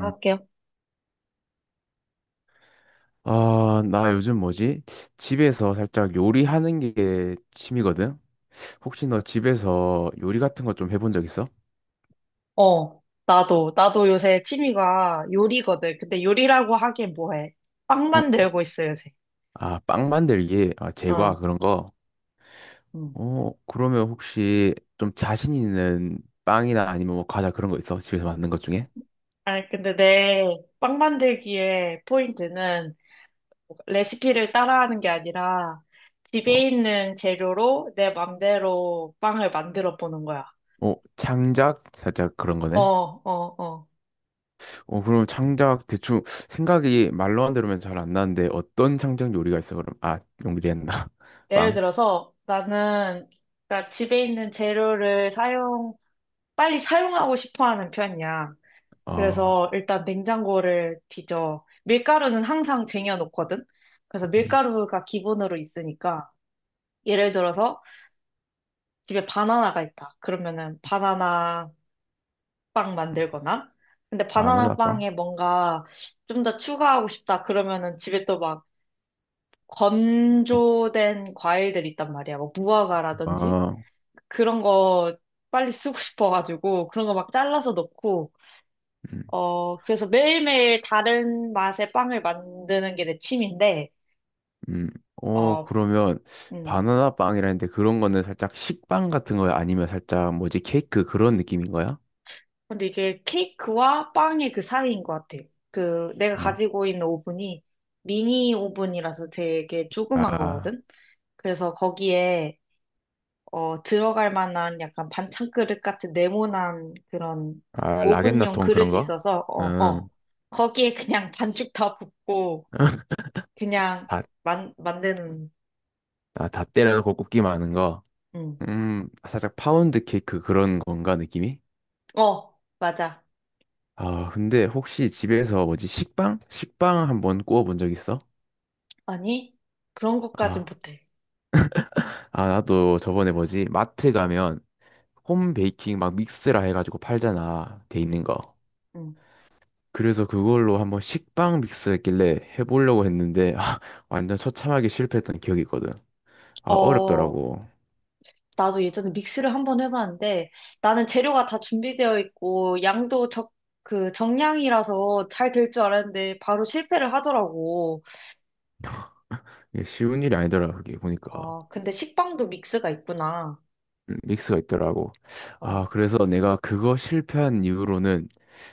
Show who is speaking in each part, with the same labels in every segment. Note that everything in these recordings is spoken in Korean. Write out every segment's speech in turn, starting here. Speaker 1: 음. 아, 나 요즘 뭐지? 집에서 살짝 요리하는 게 취미거든? 혹시 너 집에서 요리 같은 거 좀 해본 적 있어?
Speaker 2: 나도 요새 취미가 요리거든. 근데 요리라고 하기엔 뭐해. 빵
Speaker 1: 응.
Speaker 2: 만들고 있어, 요새.
Speaker 1: 아, 빵 만들기, 아, 제과
Speaker 2: 어,
Speaker 1: 그런 거.
Speaker 2: 음.
Speaker 1: 어, 그러면 혹시 좀 자신 있는 빵이나 아니면 뭐 과자 그런 거 있어? 집에서 만든 것 중에?
Speaker 2: 아니, 근데 내 빵 만들기의 포인트는 레시피를 따라하는 게 아니라
Speaker 1: 어,
Speaker 2: 집에 있는 재료로 내 맘대로 빵을 만들어 보는 거야.
Speaker 1: 어, 창작? 살짝 그런
Speaker 2: 어,
Speaker 1: 거네.
Speaker 2: 어, 어.
Speaker 1: 어, 그럼 창작 대충 생각이 말로만 들으면 잘 안 나는데 어떤 창작 요리가 있어, 그럼? 아, 용기리 했나?
Speaker 2: 예를
Speaker 1: 빵?
Speaker 2: 들어서 나는 그러니까 집에 있는 재료를 사용, 빨리 사용하고 싶어 하는 편이야.
Speaker 1: 어,
Speaker 2: 그래서 일단 냉장고를 뒤져. 밀가루는 항상 쟁여놓거든? 그래서
Speaker 1: 음,
Speaker 2: 밀가루가 기본으로 있으니까, 예를 들어서 집에 바나나가 있다. 그러면은 바나나 빵 만들거나, 근데 바나나
Speaker 1: 바나나 빵?
Speaker 2: 빵에 뭔가 좀 더 추가하고 싶다. 그러면은 집에 또 막 건조된 과일들이 있단 말이야. 뭐 무화과라든지?
Speaker 1: 아,
Speaker 2: 그런 거 빨리 쓰고 싶어가지고, 그런 거 막 잘라서 넣고,
Speaker 1: 음,
Speaker 2: 그래서 매일매일 다른 맛의 빵을 만드는 게 내 취미인데,
Speaker 1: 음. 어,
Speaker 2: 어,
Speaker 1: 그러면
Speaker 2: 음.
Speaker 1: 바나나 빵이라는데 그런 거는 살짝 식빵 같은 거야? 아니면 살짝 뭐지 케이크 그런 느낌인 거야?
Speaker 2: 근데 이게 케이크와 빵의 그 사이인 것 같아. 내가
Speaker 1: 어.
Speaker 2: 가지고 있는 오븐이 미니 오븐이라서 되게 조그만
Speaker 1: 아,
Speaker 2: 거거든? 그래서 거기에, 들어갈 만한 약간 반찬 그릇 같은 네모난 그런
Speaker 1: 아,
Speaker 2: 오븐용
Speaker 1: 라겐나통
Speaker 2: 그릇이
Speaker 1: 그런 거?
Speaker 2: 있어서,
Speaker 1: 음,
Speaker 2: 거기에 그냥 반죽 다 붓고, 그냥
Speaker 1: 다,
Speaker 2: 만, 만드는,
Speaker 1: 아, 다 때려놓고 굽기만 하는 거.
Speaker 2: 음.
Speaker 1: 살짝 파운드 케이크 그런 건가 느낌이?
Speaker 2: 어, 맞아.
Speaker 1: 아, 근데 혹시 집에서 뭐지 식빵? 식빵 한번 구워본 적 있어?
Speaker 2: 아니, 그런 것까진
Speaker 1: 아,
Speaker 2: 못해.
Speaker 1: 아, 나도 저번에 뭐지 마트 가면 홈 베이킹 막 믹스라 해가지고 팔잖아. 돼 있는 거.
Speaker 2: 응.
Speaker 1: 그래서 그걸로 한번 식빵 믹스 했길래 해보려고 했는데 아, 완전 처참하게 실패했던 기억이 있거든. 아,
Speaker 2: 어,
Speaker 1: 어렵더라고.
Speaker 2: 나도 예전에 믹스를 한 번 해봤는데 나는 재료가 다 준비되어 있고 그 정량이라서 잘 될 줄 알았는데 바로 실패를 하더라고.
Speaker 1: 이게 쉬운 일이 아니더라, 그게 보니까.
Speaker 2: 어, 근데 식빵도 믹스가 있구나.
Speaker 1: 믹스가 있더라고.
Speaker 2: 어,
Speaker 1: 아, 그래서 내가 그거 실패한 이후로는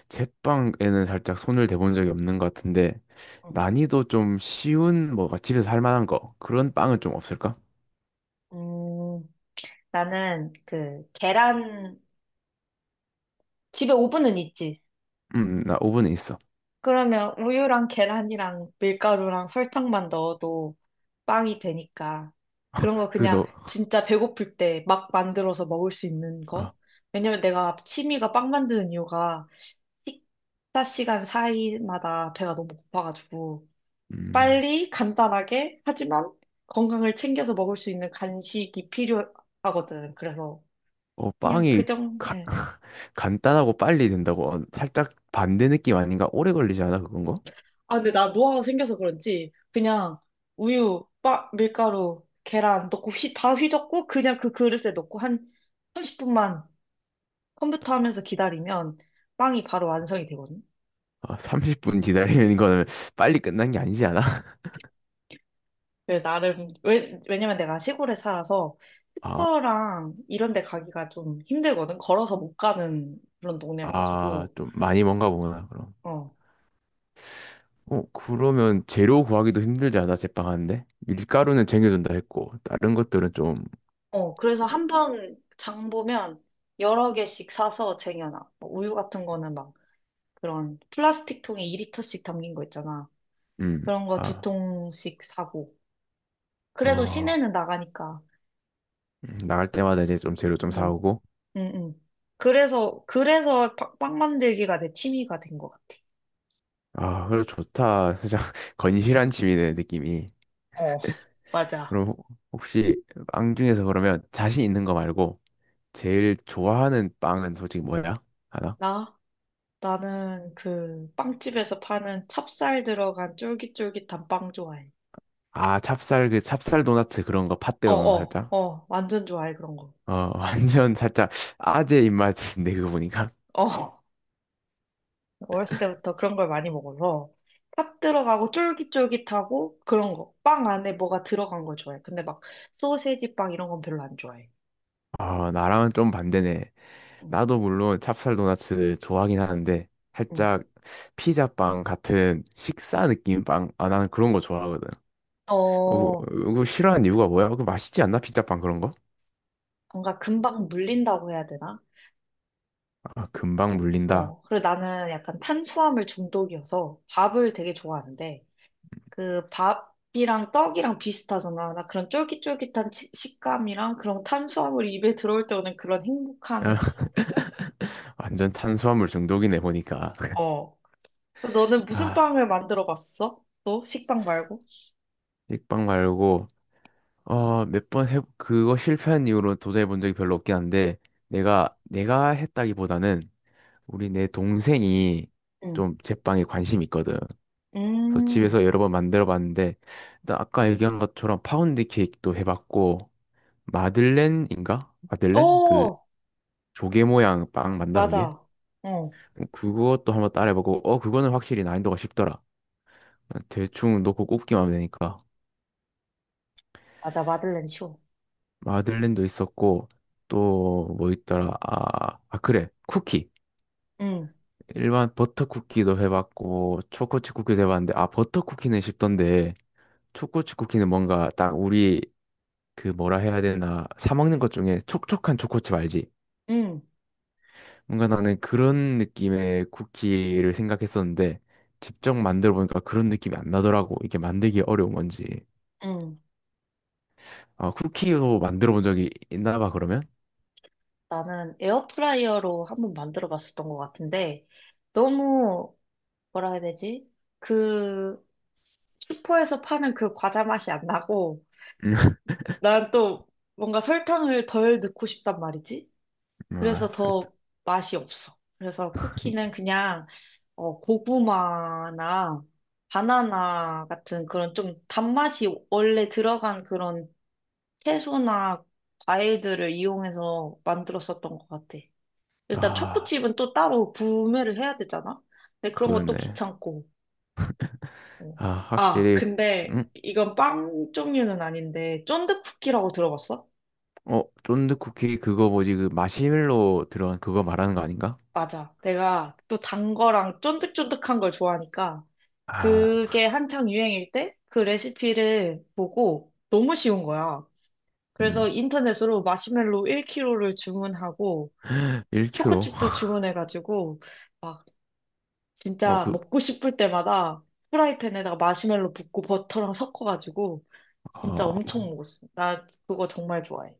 Speaker 1: 제빵에는 살짝 손을 대본 적이 없는 것 같은데
Speaker 2: 응.
Speaker 1: 난이도 좀 쉬운 뭐가 집에서 할 만한 거 그런 빵은 좀 없을까?
Speaker 2: 음, 나는 그 계란, 집에 오븐은 있지.
Speaker 1: 나 오븐에 있어.
Speaker 2: 그러면 우유랑 계란이랑 밀가루랑 설탕만 넣어도 빵이 되니까 그런 거
Speaker 1: 그
Speaker 2: 그냥
Speaker 1: 너,
Speaker 2: 진짜 배고플 때 막 만들어서 먹을 수 있는 거?
Speaker 1: 아,
Speaker 2: 왜냐면 내가 취미가 빵 만드는 이유가 식사 시간 사이마다 배가 너무 고파가지고
Speaker 1: 음.
Speaker 2: 빨리 간단하게 하지만 건강을 챙겨서 먹을 수 있는 간식이 필요하거든. 그래서
Speaker 1: 어,
Speaker 2: 그냥 그
Speaker 1: 빵이
Speaker 2: 정도,
Speaker 1: 가- 간단하고 빨리 된다고 어, 살짝 반대 느낌 아닌가? 오래 걸리지 않아 그건 거?
Speaker 2: 아, 근데 나 노화가 생겨서 그런지 그냥 밀가루, 계란 넣고 다 휘젓고 그냥 그 그릇에 넣고 한 30분만 컴퓨터 하면서 기다리면 빵이 바로 완성이 되거든.
Speaker 1: 아, 30분 기다리는 거는 빨리 끝난 게 아니지 않아?
Speaker 2: 왜냐면 내가 시골에 살아서
Speaker 1: 아,
Speaker 2: 슈퍼랑 이런 데 가기가 좀 힘들거든. 걸어서 못 가는 그런
Speaker 1: 아,
Speaker 2: 동네여가지고.
Speaker 1: 좀 많이 먼가 보구나 그럼.
Speaker 2: 어.
Speaker 1: 어, 그러면 재료 구하기도 힘들지 않아 제빵하는데? 밀가루는 챙겨준다 했고 다른 것들은 좀,
Speaker 2: 어, 그래서 한 번 장 보면 여러 개씩 사서 쟁여놔. 뭐 우유 같은 거는 막 그런 플라스틱 통에 2리터씩 담긴 거 있잖아. 그런 거 두
Speaker 1: 아,
Speaker 2: 통씩 사고. 그래도
Speaker 1: 어,
Speaker 2: 시내는 나가니까.
Speaker 1: 나갈 때마다 이제 좀 재료 좀
Speaker 2: 응,
Speaker 1: 사오고.
Speaker 2: 응, 응. 그래서 빵 만들기가 내 취미가 된 것 같아.
Speaker 1: 아, 그래 좋다. 살짝 건실한 집이네 느낌이.
Speaker 2: 어, 맞아.
Speaker 1: 그럼 혹시 빵 중에서 그러면 자신 있는 거 말고 제일 좋아하는 빵은 솔직히 뭐야? 하나?
Speaker 2: 나? 나는 그 빵집에서 파는 찹쌀 들어간 쫄깃쫄깃한 빵 좋아해.
Speaker 1: 아, 찹쌀 그 찹쌀 도넛 그런 거 팥들어간 거 살짝.
Speaker 2: 어어어 완전 좋아해 그런 거.
Speaker 1: 어, 완전 살짝 아재 입맛인데 그거 보니까.
Speaker 2: 어 어렸을 때부터 그런 걸 많이 먹어서 팥 들어가고 쫄깃쫄깃하고 그런 거. 빵 안에 뭐가 들어간 걸 좋아해. 근데 막 소세지 빵 이런 건 별로 안 좋아해.
Speaker 1: 아, 나랑은 좀 반대네.
Speaker 2: 응,
Speaker 1: 나도 물론 찹쌀 도넛 좋아하긴 하는데
Speaker 2: 응.
Speaker 1: 살짝 피자빵 같은 식사 느낌 빵. 아, 나는 그런 거 좋아하거든. 어,
Speaker 2: 어,
Speaker 1: 그거 싫어하는 이유가 뭐야? 그 맛있지 않나? 피자빵 그런 거?
Speaker 2: 뭔가 금방 물린다고 해야 되나?
Speaker 1: 아, 금방 물린다.
Speaker 2: 어, 그리고 나는 약간 탄수화물 중독이어서 밥을 되게 좋아하는데 그 밥이랑 떡이랑 비슷하잖아. 나 그런 쫄깃쫄깃한 식감이랑 그런 탄수화물이 입에 들어올 때 오는 그런 행복함이 있어.
Speaker 1: 완전 탄수화물 중독이네 보니까.
Speaker 2: 어. 너는 무슨
Speaker 1: 아,
Speaker 2: 빵을 만들어 봤어? 너 식빵 말고?
Speaker 1: 식빵 말고 어, 몇 번 해 그거 실패한 이후로 도전해 본 적이 별로 없긴 한데 내가 했다기보다는 우리 내 동생이
Speaker 2: 응.
Speaker 1: 좀 제빵에 관심이 있거든. 그래서
Speaker 2: 음.
Speaker 1: 집에서 여러 번 만들어 봤는데 일단 아까 얘기한 것처럼 파운드 케이크도 해 봤고 마들렌인가? 마들렌? 그
Speaker 2: 어,
Speaker 1: 조개 모양 빵 맞나 그게?
Speaker 2: 맞아. 어,
Speaker 1: 그것도 한번 따라해 보고 어 그거는 확실히 난이도가 쉽더라. 대충 놓고 굽기만 하면 되니까.
Speaker 2: 맞아. 마들렌 쇼.
Speaker 1: 마들렌도 있었고 또 뭐 있더라 아, 아 그래 쿠키
Speaker 2: 응,
Speaker 1: 일반 버터 쿠키도 해봤고 초코칩 쿠키도 해봤는데 아 버터 쿠키는 쉽던데 초코칩 쿠키는 뭔가 딱 우리 그 뭐라 해야 되나 사 먹는 것 중에 촉촉한 초코칩 알지?
Speaker 2: 응,
Speaker 1: 뭔가 나는 그런 느낌의 쿠키를 생각했었는데 직접 만들어 보니까 그런 느낌이 안 나더라고 이게 만들기 어려운 건지
Speaker 2: 응.
Speaker 1: 아 쿠키로 만들어 본 적이 있나 봐 그러면
Speaker 2: 나는 에어프라이어로 한번 만들어 봤었던 것 같은데, 너무, 뭐라 해야 되지? 그, 슈퍼에서 파는 그 과자 맛이 안 나고, 난 또 뭔가 설탕을 덜 넣고 싶단 말이지?
Speaker 1: 아
Speaker 2: 그래서
Speaker 1: 살짝
Speaker 2: 더 맛이 없어. 그래서 쿠키는 그냥 고구마나 바나나 같은 그런 좀 단맛이 원래 들어간 그런 채소나 과일들을 이용해서 만들었었던 것 같아. 일단
Speaker 1: 아
Speaker 2: 초코칩은 또 따로 구매를 해야 되잖아? 근데 그런 것도
Speaker 1: 그러네
Speaker 2: 귀찮고. 어.
Speaker 1: 아,
Speaker 2: 아,
Speaker 1: 확실히,
Speaker 2: 근데
Speaker 1: 응?
Speaker 2: 이건 빵 종류는 아닌데 쫀득쿠키라고 들어봤어?
Speaker 1: 어, 쫀득쿠키 그거 뭐지, 그 마시멜로 들어간 그거 말하는 거 아닌가?
Speaker 2: 맞아. 내가 또 단 거랑 쫀득쫀득한 걸 좋아하니까
Speaker 1: 아,
Speaker 2: 그게 한창 유행일 때 그 레시피를 보고 너무 쉬운 거야. 그래서
Speaker 1: 음,
Speaker 2: 인터넷으로 마시멜로 1kg를 주문하고
Speaker 1: 1kg.
Speaker 2: 초코칩도 주문해가지고 막
Speaker 1: 어,
Speaker 2: 진짜
Speaker 1: 그,
Speaker 2: 먹고 싶을 때마다 프라이팬에다가 마시멜로 붓고 버터랑 섞어가지고 진짜 엄청
Speaker 1: 어,
Speaker 2: 먹었어. 나 그거 정말 좋아해.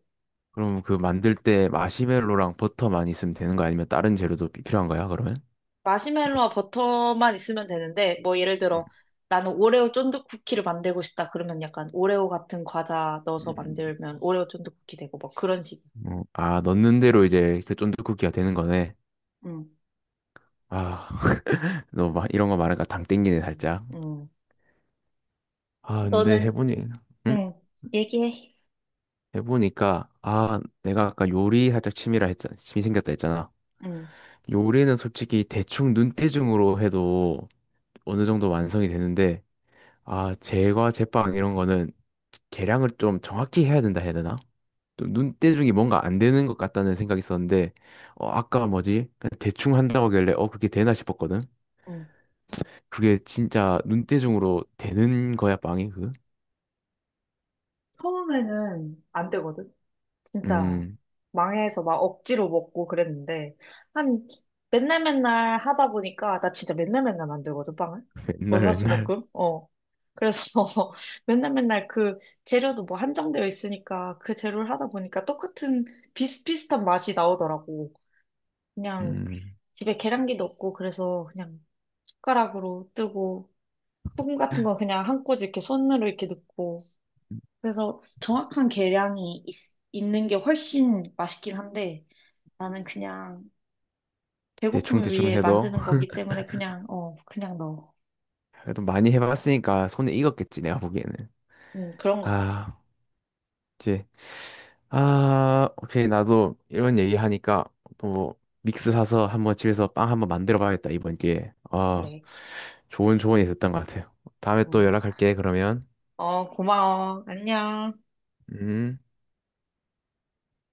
Speaker 1: 그럼 그 만들 때 마시멜로랑 버터 많이 쓰면 되는 거 아니면 다른 재료도 필요한 거야, 그러면?
Speaker 2: 마시멜로와 버터만 있으면 되는데 뭐 예를
Speaker 1: 음,
Speaker 2: 들어 나는 오레오 쫀득 쿠키를 만들고 싶다. 그러면 약간 오레오 같은 과자 넣어서
Speaker 1: 음,
Speaker 2: 만들면 오레오 쫀득 쿠키 되고 뭐 그런 식이야.
Speaker 1: 어, 아, 넣는 대로 이제 그 쫀득쿠키가 되는 거네.
Speaker 2: 응,
Speaker 1: 아, 너 막 이런 거 말하니까 당 땡기네, 살짝.
Speaker 2: 응,
Speaker 1: 아, 근데
Speaker 2: 너는
Speaker 1: 해보니, 응?
Speaker 2: 응, 얘기해.
Speaker 1: 해보니까, 아, 내가 아까 요리 살짝 취미라 했잖아. 취미 생겼다 했잖아.
Speaker 2: 응,
Speaker 1: 요리는 솔직히 대충 눈대중으로 해도 어느 정도 완성이 되는데, 아, 제과 제빵 이런 거는 계량을 좀 정확히 해야 된다 해야 되나? 좀 눈대중이 뭔가 안 되는 것 같다는 생각이 있었는데, 어, 아까 뭐지? 그냥 대충 한다고 하길래, 어, 그게 되나 싶었거든?
Speaker 2: 응.
Speaker 1: 그게 진짜 눈대중으로 되는 거야, 빵이, 그?
Speaker 2: 처음에는 안 되거든. 진짜
Speaker 1: 음,
Speaker 2: 망해서 막 억지로 먹고 그랬는데 한 맨날 맨날 하다 보니까 나 진짜 맨날 맨날 만들거든 빵을.
Speaker 1: 맨날 맨날,
Speaker 2: 월화수목금. 어. 그래서 맨날 맨날 재료도 뭐 한정되어 있으니까 그 재료를 하다 보니까 똑같은 비슷비슷한 맛이 나오더라고. 그냥
Speaker 1: 음,
Speaker 2: 집에 계량기도 없고 그래서 그냥 숟가락으로 뜨고 소금 같은 건 그냥 한 꼬집 이렇게 손으로 이렇게 넣고. 그래서 있는 게 훨씬 맛있긴 한데 나는 그냥 배고픔을
Speaker 1: 대충대충
Speaker 2: 위해
Speaker 1: 해도,
Speaker 2: 만드는 거기 때문에 그냥, 그냥 넣어.
Speaker 1: 그래도 많이 해봤으니까 손에 익었겠지, 내가 보기에는.
Speaker 2: 그런 것 같아.
Speaker 1: 아. 이제 아 오케이 나도 이런 얘기 하니까 또 뭐 믹스 사서 한번 집에서 빵 한번 만들어 봐야겠다 이번 기회에 아
Speaker 2: 그래.
Speaker 1: 좋은 조언이 있었던 것 같아요 다음에 또
Speaker 2: 음.
Speaker 1: 연락할게 그러면
Speaker 2: 어, 고마워. 안녕.
Speaker 1: 음